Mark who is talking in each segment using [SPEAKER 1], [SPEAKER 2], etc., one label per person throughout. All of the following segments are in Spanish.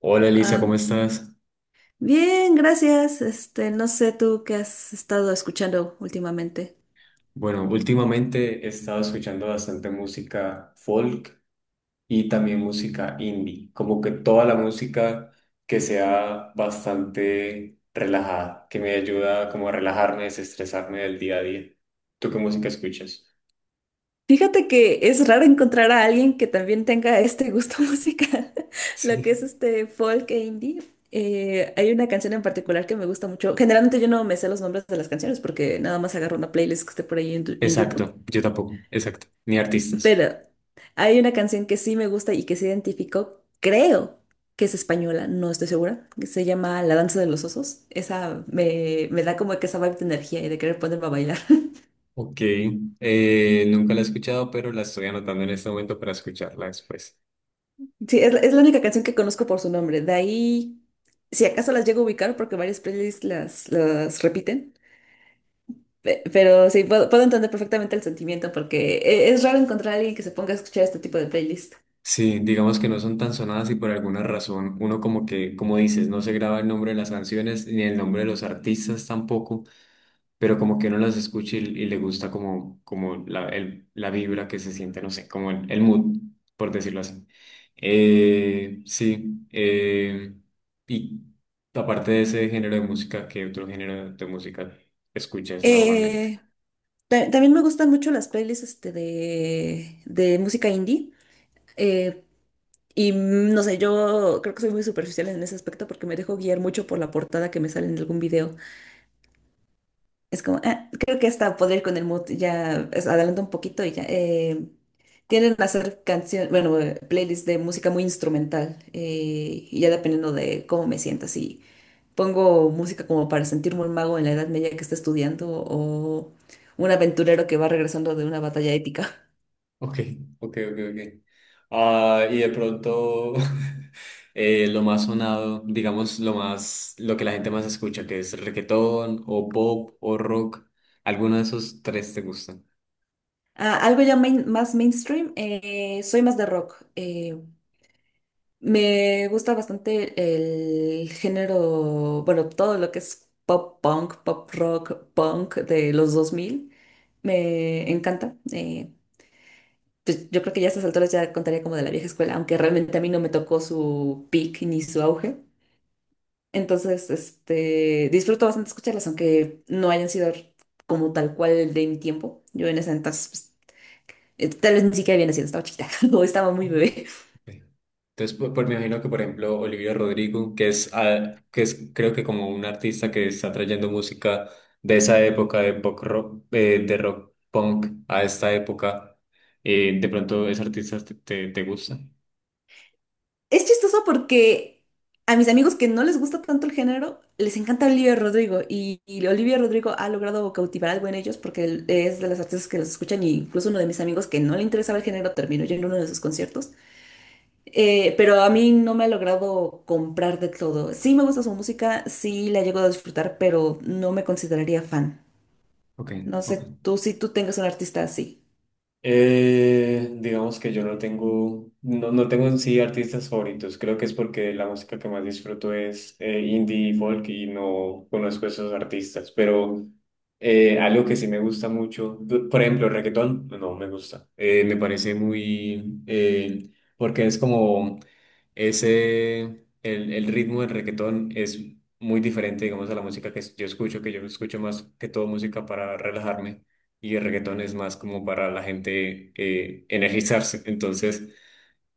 [SPEAKER 1] Hola Elisa, ¿cómo
[SPEAKER 2] Ah,
[SPEAKER 1] estás?
[SPEAKER 2] Bien, gracias. Este, no sé tú qué has estado escuchando últimamente.
[SPEAKER 1] Bueno, últimamente he estado escuchando bastante música folk y también música indie, como que toda la música que sea bastante relajada, que me ayuda como a relajarme, desestresarme del día a día. ¿Tú qué música escuchas?
[SPEAKER 2] Fíjate que es raro encontrar a alguien que también tenga este gusto musical, lo que
[SPEAKER 1] Sí.
[SPEAKER 2] es este folk e indie. Hay una canción en particular que me gusta mucho. Generalmente yo no me sé los nombres de las canciones porque nada más agarro una playlist que esté por ahí en YouTube.
[SPEAKER 1] Exacto, yo tampoco, exacto, ni artistas.
[SPEAKER 2] Pero hay una canción que sí me gusta y que se identificó, creo que es española, no estoy segura, que se llama La danza de los osos. Esa me da como que esa vibe de energía y de querer ponerme a bailar.
[SPEAKER 1] Ok, nunca la he escuchado, pero la estoy anotando en este momento para escucharla después.
[SPEAKER 2] Sí, la es la única canción que conozco por su nombre. De ahí, si acaso las llego a ubicar porque varias playlists las repiten. Pero sí, puedo entender perfectamente el sentimiento porque es raro encontrar a alguien que se ponga a escuchar este tipo de playlist.
[SPEAKER 1] Sí, digamos que no son tan sonadas y por alguna razón uno como que, como dices, no se graba el nombre de las canciones ni el nombre de los artistas tampoco, pero como que uno las escucha y le gusta como, como la vibra que se siente, no sé, como el mood, por decirlo así. Eh, sí, eh, y aparte de ese género de música, ¿qué otro género de música escuchas normalmente?
[SPEAKER 2] Eh, También me gustan mucho las playlists de música indie. Eh, no sé, yo creo que soy muy superficial en ese aspecto porque me dejo guiar mucho por la portada que me sale en algún video. Es como, "Ah, creo que esta podría ir con el mood, ya adelanto un poquito y ya". Tienden a hacer canciones, bueno, playlists de música muy instrumental, y ya dependiendo de cómo me sienta, si pongo música como para sentirme un mago en la Edad Media que está estudiando o un aventurero que va regresando de una batalla épica.
[SPEAKER 1] Ok, ok, ok, ok. Ah, y de pronto lo más sonado, digamos lo más, lo que la gente más escucha, que es reggaetón o pop o rock, ¿alguno de esos tres te gustan?
[SPEAKER 2] Ah, algo ya más mainstream, soy más de rock. Me gusta bastante el género, bueno, todo lo que es pop punk, pop rock, punk de los 2000. Me encanta. Pues yo creo que ya a estas alturas ya contaría como de la vieja escuela, aunque realmente a mí no me tocó su peak ni su auge. Entonces, este, disfruto bastante escucharlas, aunque no hayan sido como tal cual de mi tiempo. Yo en ese entonces, pues, tal vez ni siquiera había nacido, estaba chiquita o estaba muy bebé.
[SPEAKER 1] Ok. Entonces, me imagino que por ejemplo Olivia Rodrigo, que es, ah, que es creo que como un artista que está trayendo música de esa época de pop rock, de rock punk a esta época, de pronto ese artista te gusta.
[SPEAKER 2] Es chistoso porque a mis amigos que no les gusta tanto el género, les encanta Olivia Rodrigo y Olivia Rodrigo ha logrado cautivar algo en ellos porque él es de las artistas que los escuchan y incluso uno de mis amigos que no le interesaba el género terminó yendo a uno de sus conciertos. Pero a mí no me ha logrado comprar de todo. Sí me gusta su música, sí la llego a disfrutar, pero no me consideraría fan.
[SPEAKER 1] Ok,
[SPEAKER 2] No
[SPEAKER 1] ok.
[SPEAKER 2] sé tú si tú tengas un artista así.
[SPEAKER 1] Digamos que yo no tengo, no, no tengo en sí artistas favoritos. Creo que es porque la música que más disfruto es indie y folk y no conozco esos artistas. Pero algo que sí me gusta mucho, por ejemplo, el reggaetón, no me gusta. Me parece muy, porque es como ese, el ritmo del reggaetón es muy diferente, digamos, a la música que yo escucho más que todo música para relajarme y el reggaetón es más como para la gente energizarse, entonces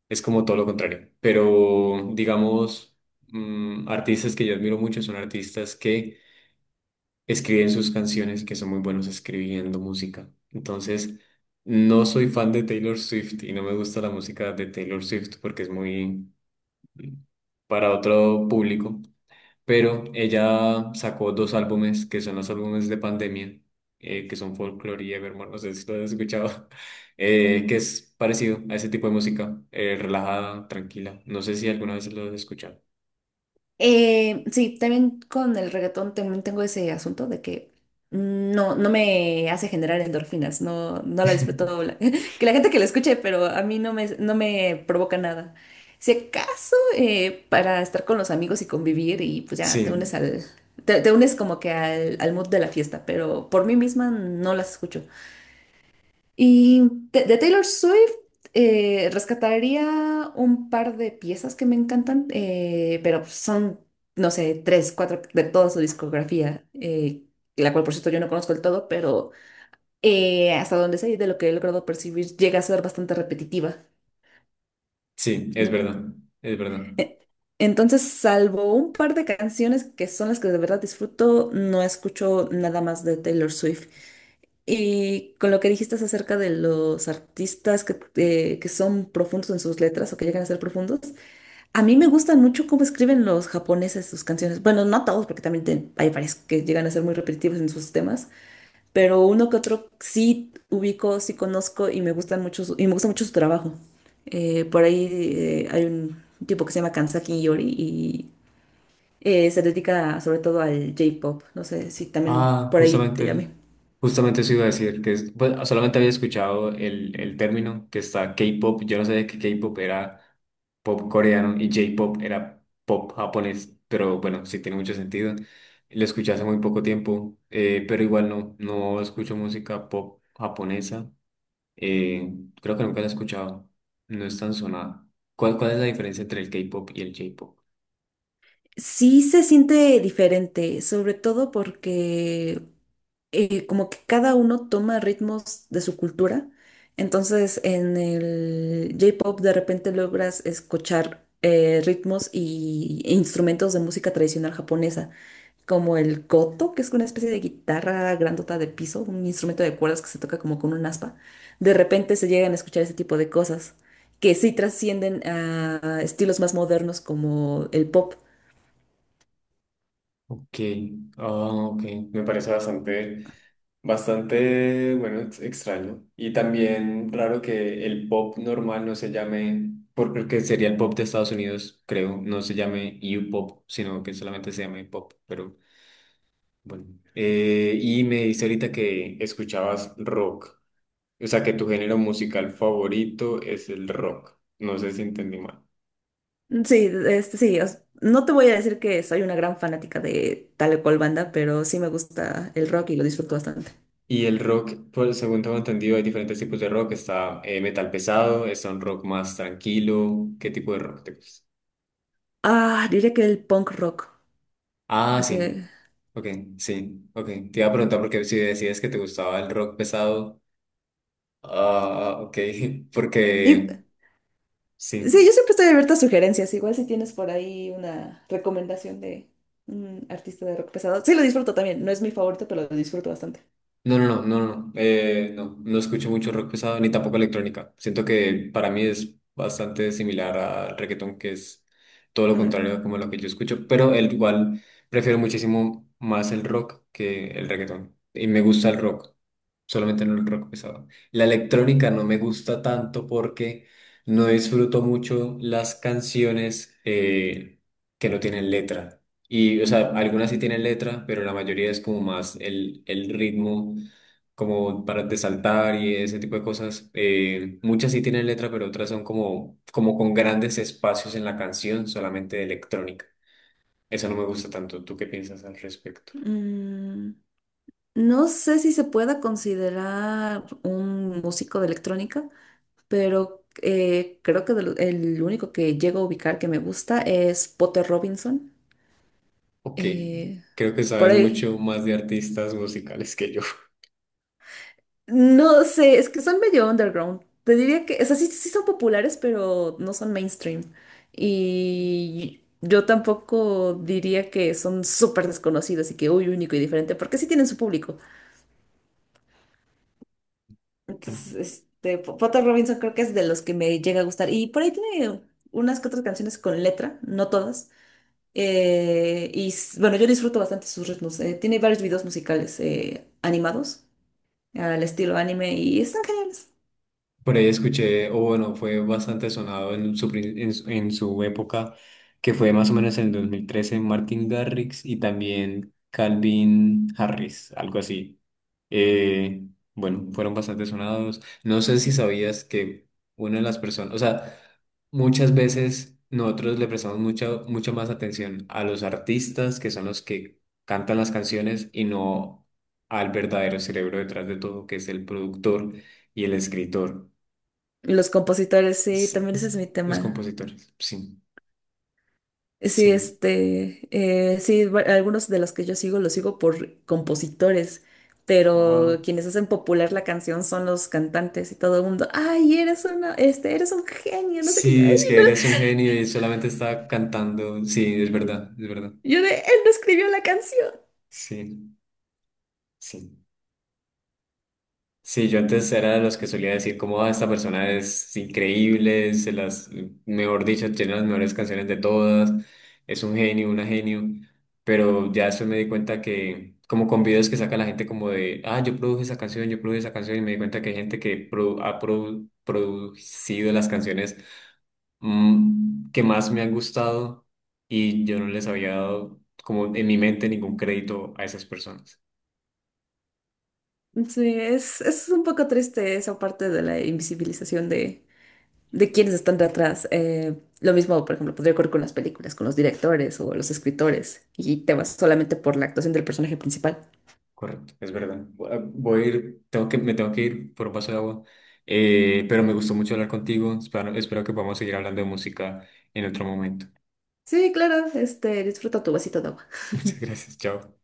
[SPEAKER 1] es como todo lo contrario. Pero digamos, artistas que yo admiro mucho son artistas que escriben sus canciones, que son muy buenos escribiendo música. Entonces, no soy fan de Taylor Swift y no me gusta la música de Taylor Swift porque es muy para otro público. Pero ella sacó dos álbumes, que son los álbumes de pandemia, que son Folklore y Evermore, no sé si lo has escuchado, que es parecido a ese tipo de música, relajada, tranquila. No sé si alguna vez lo has escuchado.
[SPEAKER 2] Sí, también con el reggaetón también tengo ese asunto de que no, no me hace generar endorfinas, no la disfruto, la- que la gente que la escuche, pero a mí no me provoca nada. Si acaso, para estar con los amigos y convivir y pues ya te unes
[SPEAKER 1] Sí,
[SPEAKER 2] al, te unes como que al, al mood de la fiesta, pero por mí misma no las escucho. Y de Taylor Swift, rescataría un par de piezas que me encantan, pero son, no sé, tres, cuatro de toda su discografía, la cual por cierto yo no conozco del todo, pero hasta donde sé y de lo que he logrado percibir llega a ser bastante repetitiva.
[SPEAKER 1] sí, es
[SPEAKER 2] Mm.
[SPEAKER 1] verdad, es verdad.
[SPEAKER 2] E- Entonces, salvo un par de canciones que son las que de verdad disfruto, no escucho nada más de Taylor Swift. Y con lo que dijiste acerca de los artistas que son profundos en sus letras o que llegan a ser profundos, a mí me gustan mucho cómo escriben los japoneses sus canciones. Bueno, no todos, porque también hay varios que llegan a ser muy repetitivos en sus temas, pero uno que otro sí ubico, sí conozco y me gustan mucho me gusta mucho su trabajo. Por ahí hay un tipo que se llama Kansaki Yori y, se dedica sobre todo al J-pop. No sé si también
[SPEAKER 1] Ah,
[SPEAKER 2] por ahí te llamé.
[SPEAKER 1] justamente, justamente eso iba a decir, pues, solamente había escuchado el término que está K-pop, yo no sabía que K-pop era pop coreano y J-pop era pop japonés, pero bueno, sí tiene mucho sentido. Lo escuché hace muy poco tiempo, pero igual no, no escucho música pop japonesa, eh, creo que nunca la he escuchado, no es tan sonada. ¿Cuál, cuál es la diferencia entre el K-pop y el J-pop?
[SPEAKER 2] Sí se siente diferente, sobre todo porque, como que cada uno toma ritmos de su cultura. Entonces en el J-Pop de repente logras escuchar, ritmos y e instrumentos de música tradicional japonesa, como el koto, que es una especie de guitarra grandota de piso, un instrumento de cuerdas que se toca como con un aspa. De repente se llegan a escuchar ese tipo de cosas que sí trascienden a estilos más modernos como el pop.
[SPEAKER 1] Ok, ah, ok, me parece bastante, bastante, bueno, extraño. Y también raro que el pop normal no se llame, porque sería el pop de Estados Unidos, creo, no se llame U-pop, sino que solamente se llame pop, pero bueno. Y me dice ahorita que escuchabas rock, o sea que tu género musical favorito es el rock, no sé si entendí mal.
[SPEAKER 2] Sí, este, sí, os- no te voy a decir que soy una gran fanática de tal o cual banda, pero sí me gusta el rock y lo disfruto bastante.
[SPEAKER 1] Y el rock, pues, según tengo entendido, hay diferentes tipos de rock. Está metal pesado, está un rock más tranquilo. ¿Qué tipo de rock te gusta?
[SPEAKER 2] Ah, diría que el punk rock.
[SPEAKER 1] Ah,
[SPEAKER 2] Sí.
[SPEAKER 1] sí. Ok, sí. Ok. Te iba a preguntar porque si decías que te gustaba el rock pesado. Ah, ok.
[SPEAKER 2] y-
[SPEAKER 1] Porque
[SPEAKER 2] sí,
[SPEAKER 1] sí.
[SPEAKER 2] yo siempre estoy abierta a sugerencias. Igual si tienes por ahí una recomendación de un artista de rock pesado. Sí, lo disfruto también. No es mi favorito, pero lo disfruto bastante.
[SPEAKER 1] No, no, no, no, no, no, no escucho mucho rock pesado ni tampoco electrónica. Siento que para mí es bastante similar al reggaetón, que es todo lo
[SPEAKER 2] Mm.
[SPEAKER 1] contrario a como lo que yo escucho, pero el igual prefiero muchísimo más el rock que el reggaetón y me gusta el rock solamente no el rock pesado. La electrónica no me gusta tanto porque no disfruto mucho las canciones que no tienen letra. Y, o sea, algunas sí tienen letra, pero la mayoría es como más el ritmo, como para de saltar y ese tipo de cosas. Muchas sí tienen letra, pero otras son como, como con grandes espacios en la canción, solamente de electrónica. Eso no me gusta tanto. ¿Tú qué piensas al respecto?
[SPEAKER 2] Mm, no sé si se pueda considerar un músico de electrónica, pero creo que el único que llego a ubicar que me gusta es Potter Robinson.
[SPEAKER 1] Ok,
[SPEAKER 2] Eh,
[SPEAKER 1] creo que
[SPEAKER 2] por
[SPEAKER 1] sabes
[SPEAKER 2] ahí.
[SPEAKER 1] mucho más de artistas musicales que yo.
[SPEAKER 2] No sé, es que son medio underground. Te diría que, o sea, sí son populares, pero no son mainstream. Y yo tampoco diría que son súper desconocidos y que, uy, único y diferente, porque sí tienen su público.
[SPEAKER 1] Ok.
[SPEAKER 2] Entonces, este, Potter Robinson creo que es de los que me llega a gustar. Y por ahí tiene unas que otras canciones con letra, no todas. Bueno, yo disfruto bastante sus ritmos. Tiene varios videos musicales, animados al estilo anime y están geniales.
[SPEAKER 1] Por ahí escuché, o bueno, fue bastante sonado en su, prin- en su época, que fue más o menos en el 2013 Martin Garrix y también Calvin Harris, algo así. Eh, bueno, fueron bastante sonados. No sé si sabías que una de las personas, o sea, muchas veces nosotros le prestamos mucha, mucha más atención a los artistas, que son los que cantan las canciones, y no al verdadero cerebro detrás de todo, que es el productor y el escritor.
[SPEAKER 2] Los compositores, sí,
[SPEAKER 1] S-
[SPEAKER 2] también ese
[SPEAKER 1] s-
[SPEAKER 2] es mi
[SPEAKER 1] Los
[SPEAKER 2] tema.
[SPEAKER 1] compositores, sí,
[SPEAKER 2] Sí,
[SPEAKER 1] sí.
[SPEAKER 2] este, sí, algunos de los que yo sigo los sigo por compositores,
[SPEAKER 1] Ah.
[SPEAKER 2] pero quienes hacen popular la canción son los cantantes y todo el mundo, ay, eres una, este, eres un genio, no sé qué yo,
[SPEAKER 1] Sí,
[SPEAKER 2] "Ay,
[SPEAKER 1] es que
[SPEAKER 2] no".
[SPEAKER 1] eres un genio y solamente estaba cantando. Sí, es verdad, es verdad.
[SPEAKER 2] Yo de, él no escribió la canción.
[SPEAKER 1] Sí, sí. Sí, yo antes era de los que solía decir como, ah, esta persona es increíble, se las, mejor dicho, tiene las mejores canciones de todas, es un genio, una genio. Pero ya después me di cuenta que, como con videos que saca la gente como de, ah, yo produje esa canción, yo produje esa canción, y me di cuenta que hay gente que producido las canciones que más me han gustado y yo no les había dado como en mi mente ningún crédito a esas personas.
[SPEAKER 2] Sí, es un poco triste esa parte de la invisibilización de quiénes están detrás. Lo mismo, por ejemplo, podría ocurrir con las películas, con los directores o los escritores, y te vas solamente por la actuación del personaje principal.
[SPEAKER 1] Correcto, es verdad. Voy a ir, tengo que, me tengo que ir por un vaso de agua. Pero me gustó mucho hablar contigo. Espero, espero que podamos seguir hablando de música en otro momento.
[SPEAKER 2] Sí, claro, este, disfruta tu vasito de agua.
[SPEAKER 1] Muchas gracias, chao.